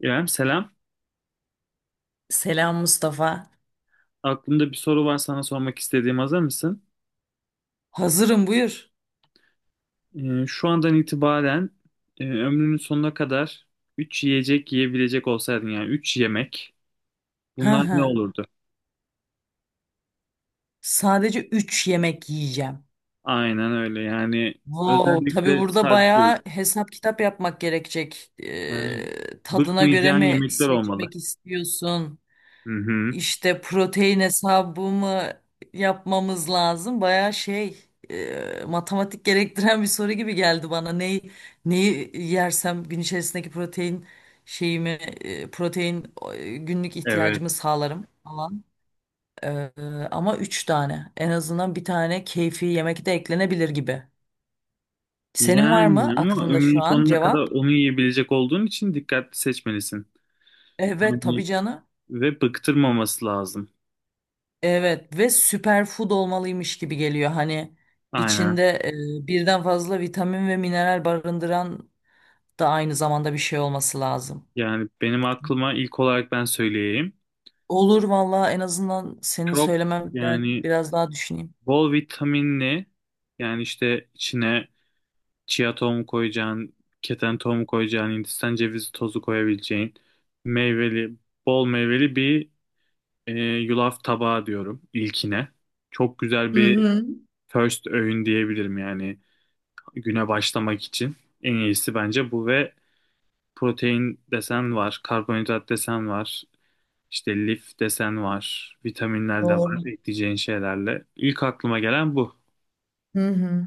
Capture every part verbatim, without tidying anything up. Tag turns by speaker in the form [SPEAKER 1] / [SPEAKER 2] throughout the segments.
[SPEAKER 1] İrem, selam.
[SPEAKER 2] Selam Mustafa.
[SPEAKER 1] Aklımda bir soru var sana sormak istediğim. Hazır mısın?
[SPEAKER 2] Hazırım, buyur.
[SPEAKER 1] Ee, şu andan itibaren e, ömrünün sonuna kadar üç yiyecek yiyebilecek olsaydın, yani üç yemek,
[SPEAKER 2] Hı
[SPEAKER 1] bunlar ne
[SPEAKER 2] hı.
[SPEAKER 1] olurdu?
[SPEAKER 2] Sadece üç yemek yiyeceğim.
[SPEAKER 1] Aynen öyle yani,
[SPEAKER 2] Wow, tabii
[SPEAKER 1] özellikle
[SPEAKER 2] burada
[SPEAKER 1] sadece,
[SPEAKER 2] bayağı hesap kitap yapmak gerekecek.
[SPEAKER 1] yani
[SPEAKER 2] Ee, tadına göre
[SPEAKER 1] bıkmayacağın
[SPEAKER 2] mi
[SPEAKER 1] yemekler olmalı.
[SPEAKER 2] seçmek istiyorsun?
[SPEAKER 1] Hı hı,
[SPEAKER 2] İşte protein hesabı mı yapmamız lazım? Bayağı şey, e, matematik gerektiren bir soru gibi geldi bana. Neyi, neyi yersem gün içerisindeki protein şeyimi, e, protein e, günlük ihtiyacımı
[SPEAKER 1] evet.
[SPEAKER 2] sağlarım falan. Ee, ama üç tane. En azından bir tane keyfi yemek de eklenebilir gibi. Senin var
[SPEAKER 1] Yani
[SPEAKER 2] mı
[SPEAKER 1] ama
[SPEAKER 2] aklında
[SPEAKER 1] ömrünün
[SPEAKER 2] şu an
[SPEAKER 1] sonuna kadar
[SPEAKER 2] cevap?
[SPEAKER 1] onu yiyebilecek olduğun için dikkatli seçmelisin.
[SPEAKER 2] Evet tabii
[SPEAKER 1] Yani
[SPEAKER 2] canım.
[SPEAKER 1] ve bıktırmaması lazım.
[SPEAKER 2] Evet ve süperfood olmalıymış gibi geliyor. Hani
[SPEAKER 1] Aynen.
[SPEAKER 2] içinde e, birden fazla vitamin ve mineral barındıran da aynı zamanda bir şey olması lazım.
[SPEAKER 1] Yani benim aklıma ilk olarak ben söyleyeyim.
[SPEAKER 2] Olur valla, en azından senin
[SPEAKER 1] Çok,
[SPEAKER 2] söylemem ben
[SPEAKER 1] yani
[SPEAKER 2] biraz daha düşüneyim.
[SPEAKER 1] bol vitaminli, yani işte içine chia tohumu koyacağın, keten tohumu koyacağın, Hindistan cevizi tozu koyabileceğin meyveli, bol meyveli bir e, yulaf tabağı diyorum ilkine. Çok güzel bir first öğün diyebilirim, yani güne başlamak için. En iyisi bence bu ve protein desen var, karbonhidrat desen var. İşte lif desen var, vitaminler de var
[SPEAKER 2] Doğru.
[SPEAKER 1] ekleyeceğin şeylerle. İlk aklıma gelen bu.
[SPEAKER 2] Hı hı.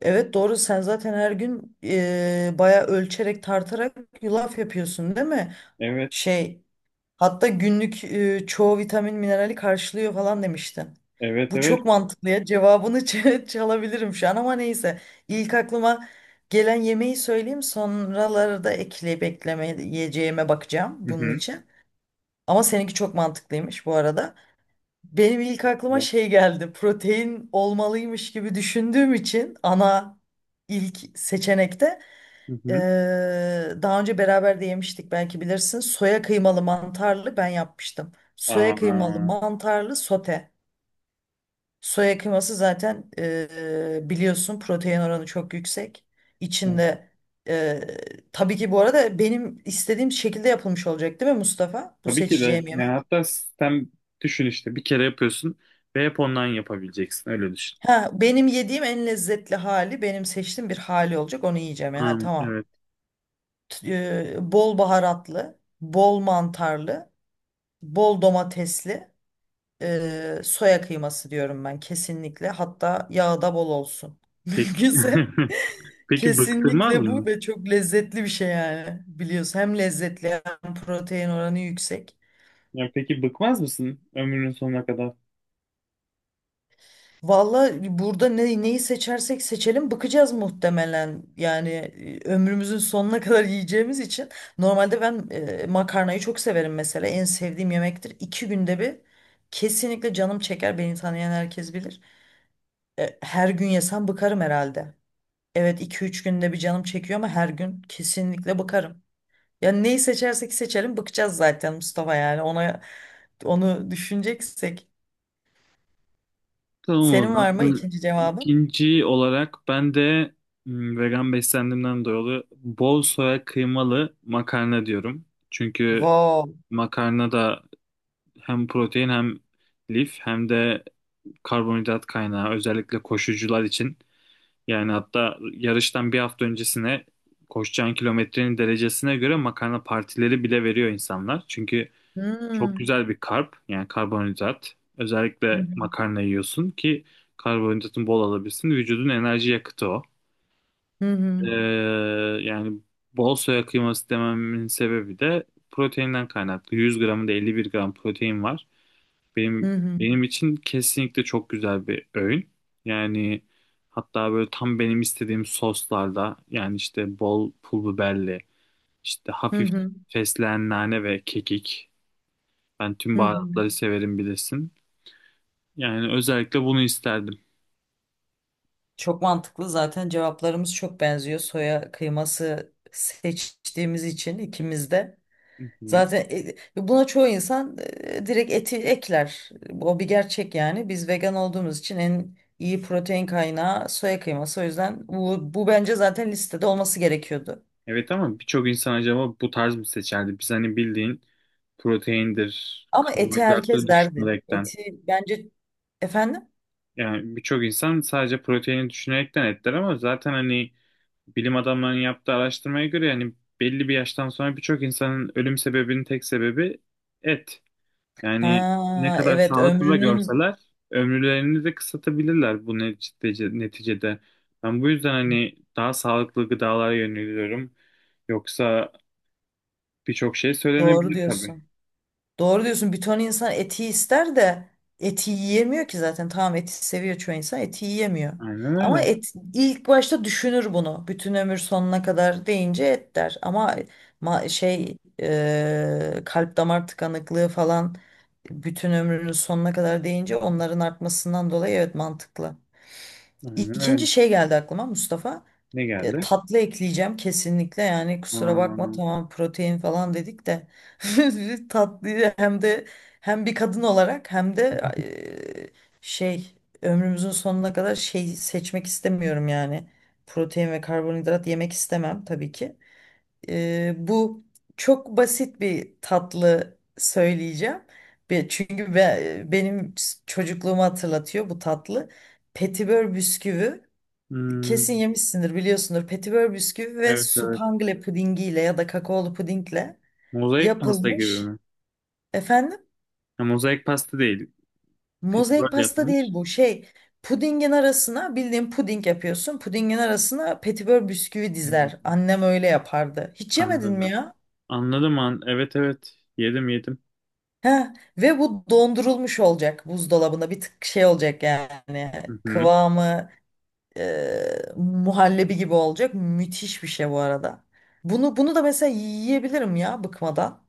[SPEAKER 2] Evet doğru, sen zaten her gün eee bayağı ölçerek tartarak yulaf yapıyorsun değil mi?
[SPEAKER 1] Evet,
[SPEAKER 2] Şey, hatta günlük e, çoğu vitamin minerali karşılıyor falan demiştin.
[SPEAKER 1] evet,
[SPEAKER 2] Bu
[SPEAKER 1] evet.
[SPEAKER 2] çok mantıklı ya. Cevabını ç- çalabilirim şu an ama neyse. İlk aklıma gelen yemeği söyleyeyim. Sonraları da ekleyip eklemeyeceğime bakacağım
[SPEAKER 1] Hı
[SPEAKER 2] bunun
[SPEAKER 1] hı.
[SPEAKER 2] için. Ama seninki çok mantıklıymış bu arada. Benim ilk aklıma
[SPEAKER 1] Ya.
[SPEAKER 2] şey geldi. Protein olmalıymış gibi düşündüğüm için ana ilk seçenekte.
[SPEAKER 1] Hı hı.
[SPEAKER 2] Eee, daha önce beraber de yemiştik, belki bilirsin. Soya kıymalı mantarlı ben yapmıştım. Soya kıymalı
[SPEAKER 1] Aa,
[SPEAKER 2] mantarlı sote. Soya kıyması zaten eee, biliyorsun protein oranı çok yüksek.
[SPEAKER 1] evet.
[SPEAKER 2] İçinde eee, tabii ki bu arada benim istediğim şekilde yapılmış olacak değil mi Mustafa? Bu
[SPEAKER 1] Tabii ki de.
[SPEAKER 2] seçeceğim
[SPEAKER 1] Yani
[SPEAKER 2] yemek.
[SPEAKER 1] hatta sistem düşün işte. Bir kere yapıyorsun ve hep ondan yapabileceksin. Öyle düşün.
[SPEAKER 2] Ha, benim yediğim en lezzetli hali, benim seçtiğim bir hali olacak, onu yiyeceğim. Yani,
[SPEAKER 1] Ha,
[SPEAKER 2] ha, tamam.
[SPEAKER 1] evet.
[SPEAKER 2] T- eee, bol baharatlı, bol mantarlı, bol domatesli. Ee, soya kıyması diyorum ben kesinlikle. Hatta yağı da bol olsun.
[SPEAKER 1] Peki,
[SPEAKER 2] Mümkünse
[SPEAKER 1] peki bıktırmaz
[SPEAKER 2] kesinlikle bu,
[SPEAKER 1] mı?
[SPEAKER 2] ve çok lezzetli bir şey yani. Biliyorsun hem lezzetli hem protein oranı yüksek.
[SPEAKER 1] Ya peki bıkmaz mısın ömrünün sonuna kadar?
[SPEAKER 2] Valla burada ne, neyi seçersek seçelim bıkacağız muhtemelen. Yani e, ömrümüzün sonuna kadar yiyeceğimiz için. Normalde ben e, makarnayı çok severim mesela. En sevdiğim yemektir. İki günde bir kesinlikle canım çeker. Beni tanıyan herkes bilir. E, her gün yesem bıkarım herhalde. Evet, iki üç günde bir canım çekiyor ama her gün kesinlikle bakarım. Yani neyi seçersek seçelim bakacağız zaten Mustafa, yani ona onu düşüneceksek.
[SPEAKER 1] Tamam o
[SPEAKER 2] Senin
[SPEAKER 1] zaman.
[SPEAKER 2] var mı
[SPEAKER 1] Bu
[SPEAKER 2] ikinci cevabın?
[SPEAKER 1] ikinci olarak ben de hmm, vegan beslendiğimden dolayı bol soya kıymalı makarna diyorum. Çünkü
[SPEAKER 2] Wow.
[SPEAKER 1] makarna da hem protein, hem lif, hem de karbonhidrat kaynağı, özellikle koşucular için. Yani hatta yarıştan bir hafta öncesine koşacağın kilometrenin derecesine göre makarna partileri bile veriyor insanlar. Çünkü çok
[SPEAKER 2] Hmm.
[SPEAKER 1] güzel bir karp, yani karbonhidrat.
[SPEAKER 2] Hı hı.
[SPEAKER 1] Özellikle makarna yiyorsun ki karbonhidratın bol alabilsin. Vücudun enerji yakıtı o.
[SPEAKER 2] Hı
[SPEAKER 1] Ee,
[SPEAKER 2] hı.
[SPEAKER 1] Yani bol soya kıyması dememin sebebi de proteinden kaynaklı. yüz gramında elli bir gram protein var. Benim
[SPEAKER 2] Hı hı.
[SPEAKER 1] benim için kesinlikle çok güzel bir öğün. Yani hatta böyle tam benim istediğim soslarda, yani işte bol pul biberli, işte
[SPEAKER 2] Hı
[SPEAKER 1] hafif
[SPEAKER 2] hı.
[SPEAKER 1] fesleğen, nane ve kekik. Ben tüm
[SPEAKER 2] Hı hı.
[SPEAKER 1] baharatları severim bilirsin. Yani özellikle bunu isterdim.
[SPEAKER 2] Çok mantıklı, zaten cevaplarımız çok benziyor. Soya kıyması seçtiğimiz için ikimiz de.
[SPEAKER 1] Hı hı.
[SPEAKER 2] Zaten e, buna çoğu insan e, direkt eti ekler. O bir gerçek yani. Biz vegan olduğumuz için en iyi protein kaynağı soya kıyması. O yüzden bu, bu bence zaten listede olması gerekiyordu.
[SPEAKER 1] Evet, ama birçok insan acaba bu tarz mı seçerdi? Biz hani bildiğin proteindir,
[SPEAKER 2] Ama eti
[SPEAKER 1] karbonhidrattır
[SPEAKER 2] herkes derdi.
[SPEAKER 1] düşünerekten.
[SPEAKER 2] Eti bence, efendim?
[SPEAKER 1] Yani birçok insan sadece proteini düşünerekten etler ama zaten hani bilim adamlarının yaptığı araştırmaya göre, yani belli bir yaştan sonra birçok insanın ölüm sebebinin tek sebebi et. Yani ne
[SPEAKER 2] Ha,
[SPEAKER 1] kadar
[SPEAKER 2] evet,
[SPEAKER 1] sağlıklı da
[SPEAKER 2] ömrünün,
[SPEAKER 1] görseler ömürlerini de kısaltabilirler bu neticede, neticede. Ben bu yüzden hani daha sağlıklı gıdalara yöneliyorum. Yoksa birçok şey
[SPEAKER 2] doğru
[SPEAKER 1] söylenebilir tabii.
[SPEAKER 2] diyorsun. Doğru diyorsun. Bir ton insan eti ister de eti yiyemiyor ki zaten. Tamam, eti seviyor çoğu insan, eti yiyemiyor.
[SPEAKER 1] Aynen
[SPEAKER 2] Ama
[SPEAKER 1] öyle.
[SPEAKER 2] et ilk başta düşünür bunu. Bütün ömür sonuna kadar deyince et der. Ama ma- şey e, kalp damar tıkanıklığı falan, bütün ömrünün sonuna kadar deyince onların artmasından dolayı, evet, mantıklı.
[SPEAKER 1] Aynen
[SPEAKER 2] İkinci
[SPEAKER 1] öyle.
[SPEAKER 2] şey geldi aklıma Mustafa.
[SPEAKER 1] Ne
[SPEAKER 2] E,
[SPEAKER 1] geldi?
[SPEAKER 2] tatlı ekleyeceğim kesinlikle, yani kusura bakma,
[SPEAKER 1] Aa,
[SPEAKER 2] tamam protein falan dedik de tatlıyı hem de, hem bir kadın olarak hem de e, şey ömrümüzün sonuna kadar şey seçmek istemiyorum yani, protein ve karbonhidrat yemek istemem tabii ki. E, bu çok basit bir tatlı söyleyeceğim. Be- Çünkü be- benim çocukluğumu hatırlatıyor bu tatlı. Petibör bisküvi. Kesin
[SPEAKER 1] hmm,
[SPEAKER 2] yemişsindir, biliyorsundur. Petibör bisküvi ve
[SPEAKER 1] evet evet.
[SPEAKER 2] supangle pudingiyle ya da kakaolu pudingle
[SPEAKER 1] Mozaik pasta gibi
[SPEAKER 2] yapılmış.
[SPEAKER 1] mi?
[SPEAKER 2] Efendim?
[SPEAKER 1] Ha, mozaik pasta değil.
[SPEAKER 2] Mozaik
[SPEAKER 1] Petiböl
[SPEAKER 2] pasta değil
[SPEAKER 1] yapılmış.
[SPEAKER 2] bu. Şey, pudingin arasına bildiğin puding yapıyorsun. Pudingin arasına petibör bisküvi dizer.
[SPEAKER 1] Hmm,
[SPEAKER 2] Annem öyle yapardı. Hiç yemedin mi
[SPEAKER 1] anladım.
[SPEAKER 2] ya?
[SPEAKER 1] Anladım an. Evet evet. Yedim yedim.
[SPEAKER 2] Heh. Ve bu dondurulmuş olacak buzdolabında. Bir tık şey olacak yani.
[SPEAKER 1] Hı hı.
[SPEAKER 2] Kıvamı e, muhallebi gibi olacak. Müthiş bir şey bu arada. Bunu bunu da mesela yiyebilirim ya bıkmadan.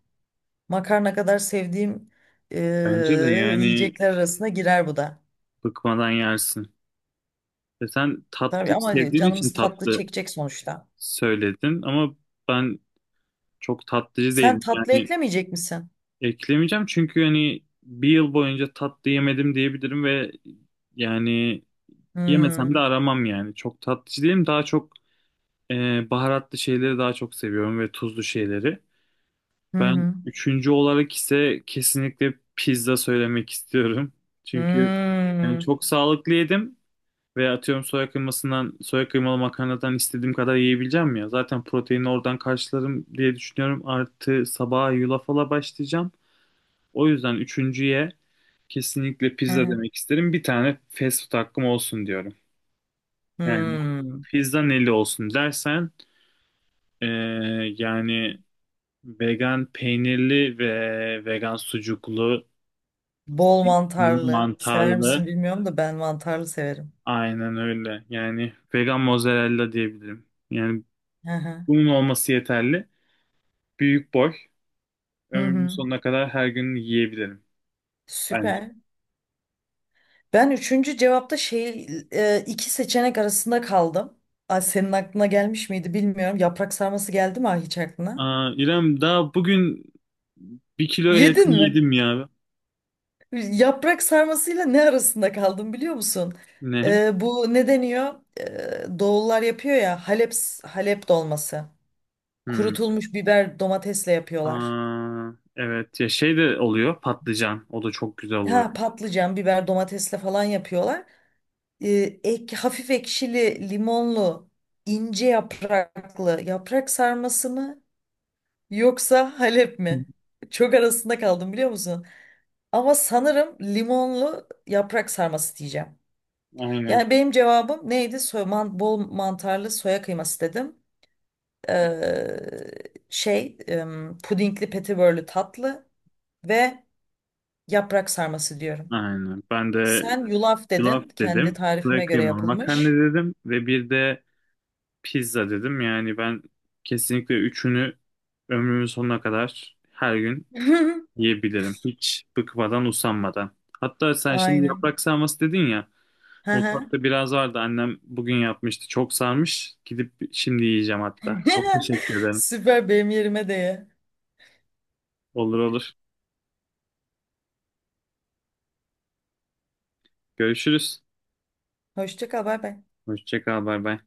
[SPEAKER 2] Makarna kadar sevdiğim e,
[SPEAKER 1] Bence de yani
[SPEAKER 2] yiyecekler arasına girer bu da.
[SPEAKER 1] bıkmadan yersin. E sen
[SPEAKER 2] Tabii
[SPEAKER 1] tatlıyı
[SPEAKER 2] ama
[SPEAKER 1] sevdiğin için
[SPEAKER 2] canımız tatlı
[SPEAKER 1] tatlı
[SPEAKER 2] çekecek sonuçta.
[SPEAKER 1] söyledin ama ben çok tatlıcı
[SPEAKER 2] Sen
[SPEAKER 1] değilim.
[SPEAKER 2] tatlı
[SPEAKER 1] Yani
[SPEAKER 2] eklemeyecek misin?
[SPEAKER 1] eklemeyeceğim çünkü hani bir yıl boyunca tatlı yemedim diyebilirim ve yani yemesem de
[SPEAKER 2] Hmm.
[SPEAKER 1] aramam yani. Çok tatlıcı değilim. Daha çok e, baharatlı şeyleri daha çok seviyorum ve tuzlu şeyleri.
[SPEAKER 2] Hı
[SPEAKER 1] Ben
[SPEAKER 2] hı.
[SPEAKER 1] üçüncü olarak ise kesinlikle pizza söylemek istiyorum. Çünkü
[SPEAKER 2] Hmm.
[SPEAKER 1] yani çok sağlıklı yedim. Veya atıyorum soya kıymasından, soya kıymalı makarnadan istediğim kadar yiyebileceğim ya. Zaten proteini oradan karşılarım diye düşünüyorum. Artı sabaha yulafala başlayacağım. O yüzden üçüncüye kesinlikle
[SPEAKER 2] Hı
[SPEAKER 1] pizza
[SPEAKER 2] hı.
[SPEAKER 1] demek isterim. Bir tane fast food hakkım olsun diyorum. Yani
[SPEAKER 2] Hmm.
[SPEAKER 1] pizza neli olsun dersen eee, yani vegan peynirli ve vegan sucuklu,
[SPEAKER 2] Bol
[SPEAKER 1] zeytinli,
[SPEAKER 2] mantarlı. Sever
[SPEAKER 1] mantarlı,
[SPEAKER 2] misin bilmiyorum da ben mantarlı severim.
[SPEAKER 1] aynen öyle. Yani vegan mozzarella diyebilirim. Yani
[SPEAKER 2] Hı hı.
[SPEAKER 1] bunun olması yeterli. Büyük boy.
[SPEAKER 2] Hı
[SPEAKER 1] Ömrümün
[SPEAKER 2] hı.
[SPEAKER 1] sonuna kadar her gün yiyebilirim bence.
[SPEAKER 2] Süper. Ben üçüncü cevapta şey, e, iki seçenek arasında kaldım. Ay, senin aklına gelmiş miydi bilmiyorum. Yaprak sarması geldi mi hiç aklına?
[SPEAKER 1] Aa, İrem, daha bugün bir kiloya yakın
[SPEAKER 2] Yedin mi?
[SPEAKER 1] yedim ya.
[SPEAKER 2] Yaprak sarmasıyla ne arasında kaldım biliyor musun?
[SPEAKER 1] Ne?
[SPEAKER 2] Ee, bu ne deniyor? Ee, Doğullar yapıyor ya, Halep Halep dolması.
[SPEAKER 1] Hmm.
[SPEAKER 2] Kurutulmuş biber domatesle yapıyorlar.
[SPEAKER 1] Aa, evet ya, şey de oluyor, patlıcan. O da çok güzel oluyor.
[SPEAKER 2] Ha, patlıcan, biber domatesle falan yapıyorlar. Ee, ek, hafif ekşili, limonlu, ince yapraklı yaprak sarması mı yoksa Halep mi? Çok arasında kaldım biliyor musun? Ama sanırım limonlu yaprak sarması diyeceğim.
[SPEAKER 1] Aynen.
[SPEAKER 2] Yani benim cevabım neydi? Soy, man- bol mantarlı soya kıyması dedim. Ee, şey, em, pudingli petibörlü tatlı ve yaprak sarması diyorum.
[SPEAKER 1] Aynen. Ben de
[SPEAKER 2] Sen yulaf
[SPEAKER 1] yulaf
[SPEAKER 2] dedin. Kendi
[SPEAKER 1] dedim. Üstüne
[SPEAKER 2] tarifime göre
[SPEAKER 1] kıymalı makarna
[SPEAKER 2] yapılmış.
[SPEAKER 1] dedim. Ve bir de pizza dedim. Yani ben kesinlikle üçünü ömrümün sonuna kadar her gün yiyebilirim. Hiç bıkmadan, usanmadan. Hatta sen şimdi
[SPEAKER 2] Aynen.
[SPEAKER 1] yaprak sarması dedin ya.
[SPEAKER 2] Hı hı.
[SPEAKER 1] Mutfakta biraz vardı. Annem bugün yapmıştı. Çok sarmış. Gidip şimdi yiyeceğim hatta. Çok teşekkür ederim.
[SPEAKER 2] Süper, benim yerime de ye.
[SPEAKER 1] Olur olur. Görüşürüz.
[SPEAKER 2] Hoşça kal, bay bay.
[SPEAKER 1] Hoşça kal. Bay bay.